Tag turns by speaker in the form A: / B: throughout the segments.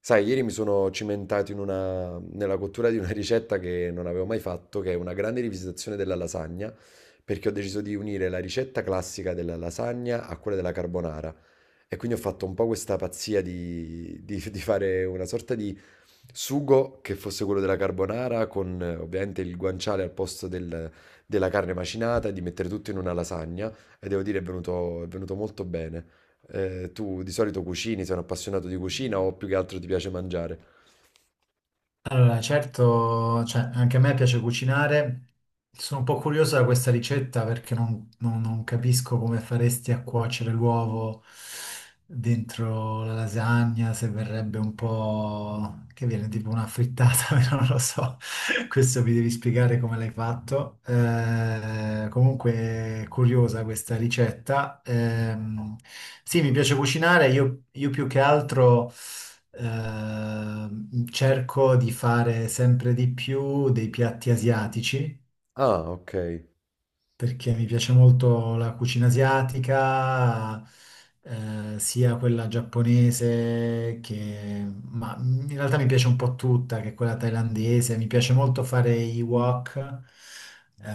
A: Sai, ieri mi sono cimentato nella cottura di una ricetta che non avevo mai fatto, che è una grande rivisitazione della lasagna, perché ho deciso di unire la ricetta classica della lasagna a quella della carbonara. E quindi ho fatto un po' questa pazzia di fare una sorta di sugo che fosse quello della carbonara, con ovviamente il guanciale della carne macinata, e di mettere tutto in una lasagna. E devo dire, è venuto molto bene. Tu di solito cucini, sei un appassionato di cucina o più che altro ti piace mangiare?
B: Allora, certo, cioè, anche a me piace cucinare. Sono un po' curiosa da questa ricetta perché non capisco come faresti a cuocere l'uovo dentro la lasagna, se verrebbe un po' che viene tipo una frittata, però non lo so. Questo mi devi spiegare come l'hai fatto. Comunque, curiosa questa ricetta. Sì, mi piace cucinare, io più che altro. Cerco di fare sempre di più dei piatti asiatici
A: Ah, ok.
B: perché mi piace molto la cucina asiatica, sia quella giapponese che, ma in realtà mi piace un po' tutta, che è quella thailandese. Mi piace molto fare i wok.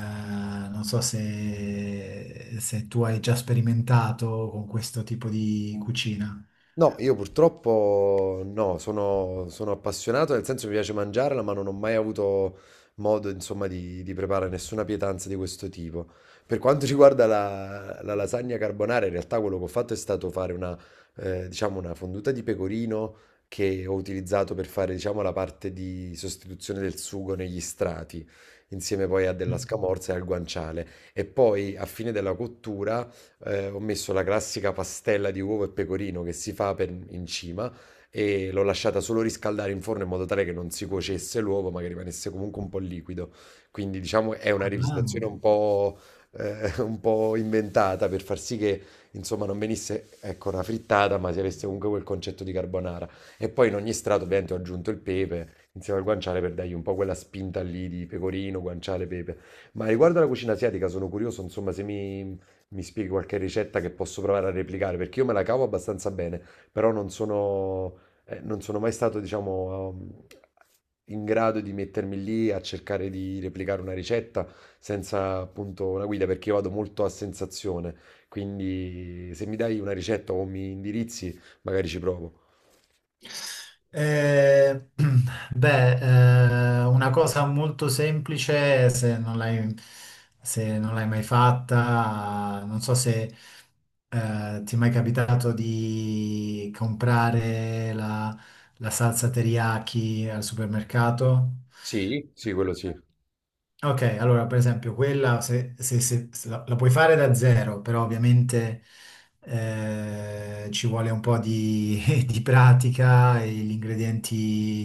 B: Non so se, se tu hai già sperimentato con questo tipo di cucina.
A: No, io purtroppo no, sono appassionato, nel senso mi piace mangiarla, ma non ho mai avuto modo, insomma, di preparare nessuna pietanza di questo tipo. Per quanto riguarda la lasagna carbonara, in realtà quello che ho fatto è stato fare diciamo, una fonduta di pecorino che ho utilizzato per fare, diciamo, la parte di sostituzione del sugo negli strati, insieme poi a della scamorza e al guanciale. E poi, a fine della cottura ho messo la classica pastella di uovo e pecorino che si fa per- in cima e l'ho lasciata solo riscaldare in forno in modo tale che non si cuocesse l'uovo, ma che rimanesse comunque un po' liquido. Quindi, diciamo, è una
B: Ah,
A: rivisitazione un po', eh, un po' inventata per far sì che, insomma, non venisse, ecco, una frittata, ma si avesse comunque quel concetto di carbonara. E poi in ogni strato, ovviamente, ho aggiunto il pepe insieme al guanciale per dargli un po' quella spinta lì di pecorino, guanciale, pepe. Ma riguardo alla cucina asiatica sono curioso, insomma, se mi, mi spieghi qualche ricetta che posso provare a replicare? Perché io me la cavo abbastanza bene, però non sono mai stato, diciamo, in grado di mettermi lì a cercare di replicare una ricetta senza appunto una guida, perché io vado molto a sensazione. Quindi se mi dai una ricetta o mi indirizzi, magari ci provo.
B: Eh, beh, una cosa molto semplice, se non l'hai se non l'hai mai fatta, non so se ti è mai capitato di comprare la salsa teriyaki al supermercato.
A: Sì, sì, quello sì.
B: Ok, allora per esempio quella se, se la puoi fare da zero, però ovviamente ci vuole un po' di, di pratica e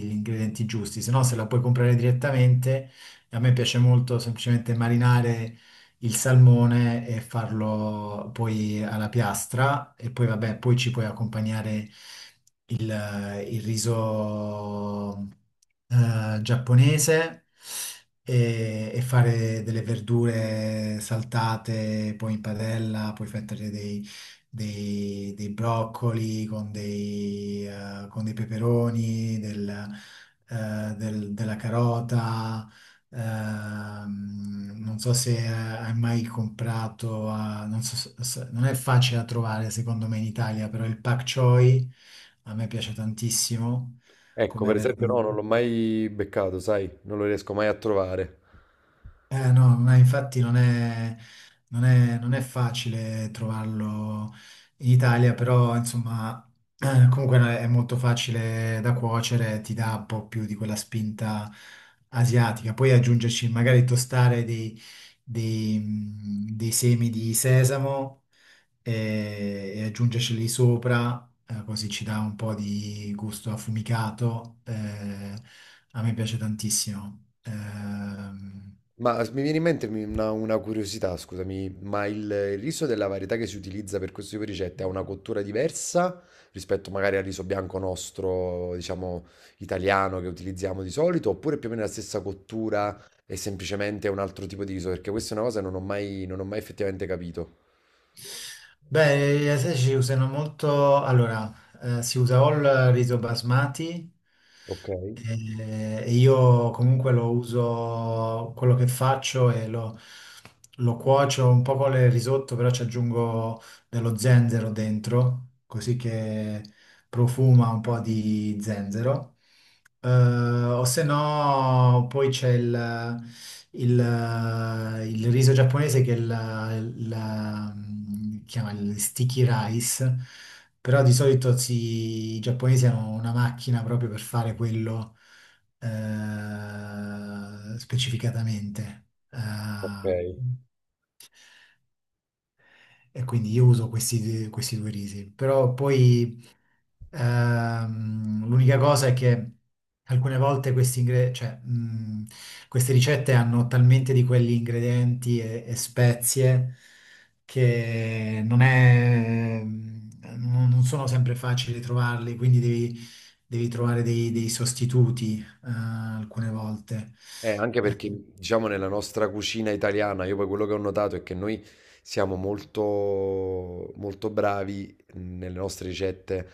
B: gli ingredienti giusti, se no se la puoi comprare direttamente, a me piace molto semplicemente marinare il salmone e farlo poi alla piastra e poi vabbè, poi ci puoi accompagnare il riso giapponese e fare delle verdure saltate, poi in padella, poi fettere dei, dei broccoli con dei peperoni, della carota. Non so se hai mai comprato, a- non so se- se- non è facile da trovare secondo me in Italia, però il pak choi a me piace tantissimo
A: Ecco,
B: come
A: per esempio,
B: verdura.
A: no, non l'ho mai beccato, sai, non lo riesco mai a trovare.
B: Eh no, ma infatti non è facile trovarlo in Italia, però insomma comunque no, è molto facile da cuocere, ti dà un po' più di quella spinta asiatica. Poi aggiungerci magari tostare dei, dei, dei semi di sesamo e aggiungerceli sopra, così ci dà un po' di gusto affumicato. A me piace tantissimo.
A: Mi viene in mente una curiosità, scusami, ma il riso della varietà che si utilizza per questo tipo di ricette ha una cottura diversa rispetto magari al riso bianco nostro, diciamo, italiano che utilizziamo di solito, oppure più o meno la stessa cottura e semplicemente un altro tipo di riso? Perché questa è una cosa che non ho mai effettivamente capito.
B: Beh, gli asiatici ci usano molto, allora, si usa o il riso basmati
A: Ok,
B: e io comunque lo uso, quello che faccio lo cuocio un po' con il risotto, però ci aggiungo dello zenzero dentro, così che profuma un po' di zenzero. O se no, poi c'è il- il riso giapponese che è chiama il sticky rice, però di solito si- i giapponesi hanno una macchina proprio per fare quello specificatamente.
A: ok.
B: E quindi io uso questi, questi due risi, però poi l'unica cosa è che alcune volte queste ricette hanno talmente di quegli ingredienti e spezie che non è, non sono sempre facili trovarli, quindi devi, devi trovare dei, dei sostituti, alcune volte.
A: Anche
B: Eh,
A: perché, diciamo, nella nostra cucina italiana, io poi quello che ho notato è che noi siamo molto bravi nelle nostre ricette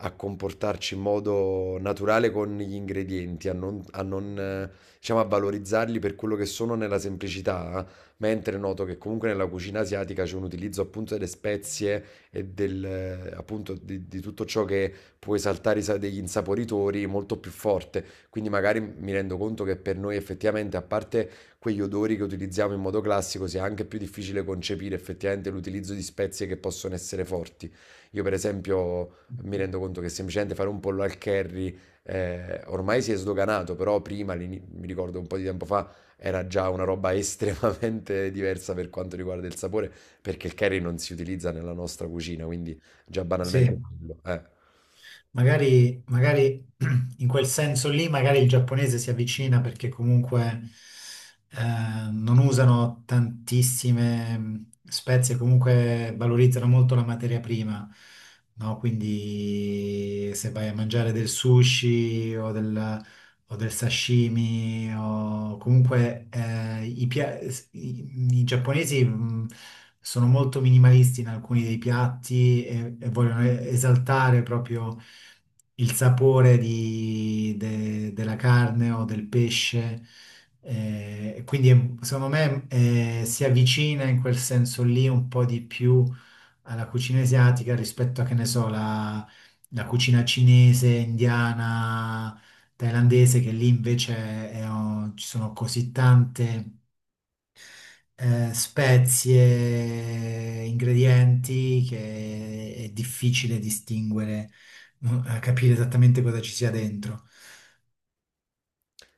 A: a comportarci in modo naturale con gli ingredienti, a non, diciamo, a valorizzarli per quello che sono nella semplicità, eh. Mentre noto che comunque nella cucina asiatica c'è un utilizzo appunto delle spezie e appunto di tutto ciò che può esaltare degli insaporitori molto più forte. Quindi magari mi rendo conto che per noi effettivamente, a parte quegli odori che utilizziamo in modo classico, sia anche più difficile concepire effettivamente l'utilizzo di spezie che possono essere forti. Io per esempio mi rendo conto che semplicemente fare un pollo al curry ormai si è sdoganato, però prima, mi ricordo un po' di tempo fa, era già una roba estremamente diversa per quanto riguarda il sapore, perché il curry non si utilizza nella nostra cucina, quindi già banalmente
B: sì.
A: quello.
B: Magari, magari in quel senso lì, magari il giapponese si avvicina perché comunque non usano tantissime spezie, comunque valorizzano molto la materia prima, no? Quindi se vai a mangiare del sushi o del sashimi o comunque i giapponesi sono molto minimalisti in alcuni dei piatti e vogliono esaltare proprio il sapore della carne o del pesce. Quindi secondo me si avvicina in quel senso lì un po' di più alla cucina asiatica rispetto a, che ne so, la cucina cinese, indiana, thailandese, che lì invece è- oh, ci sono così tante spezie, ingredienti, che è difficile distinguere, no, capire esattamente cosa ci sia dentro.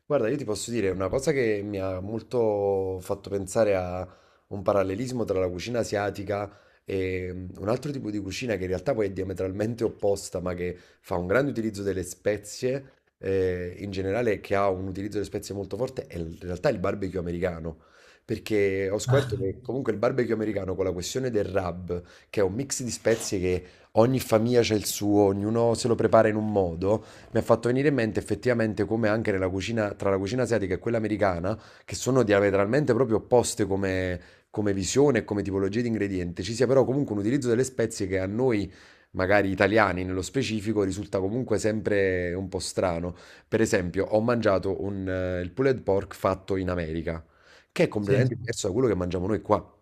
A: Guarda, io ti posso dire una cosa che mi ha molto fatto pensare a un parallelismo tra la cucina asiatica e un altro tipo di cucina che in realtà poi è diametralmente opposta, ma che fa un grande utilizzo delle spezie, in generale, che ha un utilizzo delle spezie molto forte, è in realtà il barbecue americano. Perché ho scoperto che comunque il barbecue americano con la questione del rub, che è un mix di spezie che ogni famiglia ha il suo, ognuno se lo prepara in un modo, mi ha fatto venire in mente effettivamente come anche nella cucina, tra la cucina asiatica e quella americana, che sono diametralmente proprio opposte come, come visione e come tipologia di ingrediente, ci sia però comunque un utilizzo delle spezie che a noi, magari italiani nello specifico, risulta comunque sempre un po' strano. Per esempio, ho mangiato il pulled pork fatto in America, che è
B: Sì,
A: completamente diverso da quello che mangiamo noi qua.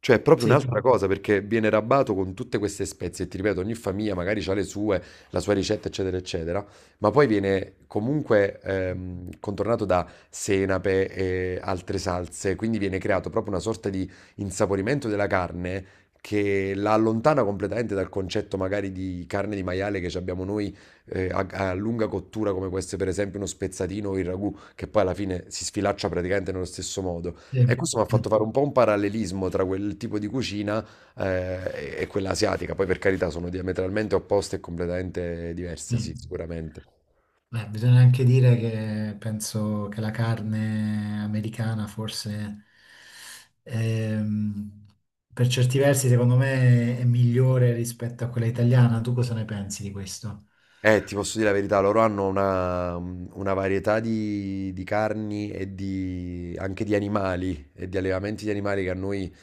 A: Cioè, è proprio
B: sì,
A: un'altra cosa perché viene rabbato con tutte queste spezie. E ti ripeto, ogni famiglia magari ha le sue, la sua ricetta, eccetera, eccetera, ma poi viene comunque contornato da senape e altre salse, quindi viene creato proprio una sorta di insaporimento della carne che la allontana completamente dal concetto magari di carne di maiale che ci abbiamo noi a lunga cottura, come può essere per esempio uno spezzatino o il ragù, che poi alla fine si sfilaccia praticamente nello stesso modo.
B: sì.
A: E questo mi ha fatto
B: Mm,
A: fare un po' un parallelismo tra quel tipo di cucina e quella asiatica. Poi per carità sono diametralmente opposte e completamente diverse, sì,
B: mm.
A: sicuramente.
B: Beh, bisogna anche dire che penso che la carne americana forse ehm, per certi versi secondo me è migliore rispetto a quella italiana. Tu cosa ne pensi di questo?
A: Ti posso dire la verità, loro hanno una varietà di carni anche di animali e di allevamenti di animali che a noi,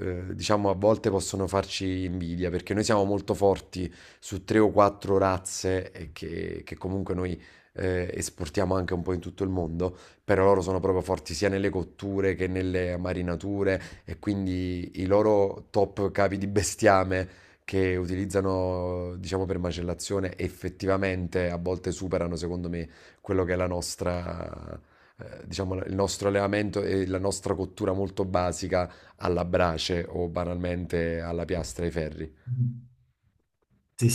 A: diciamo, a volte possono farci invidia, perché noi siamo molto forti su tre o quattro razze che comunque noi esportiamo anche un po' in tutto il mondo, però loro sono proprio forti sia nelle cotture che nelle marinature e quindi i loro top capi di bestiame che utilizzano, diciamo, per macellazione, effettivamente a volte superano, secondo me, quello che è la nostra, diciamo, il nostro allevamento e la nostra cottura molto basica alla brace o banalmente alla piastra ai ferri.
B: Mm. Sì,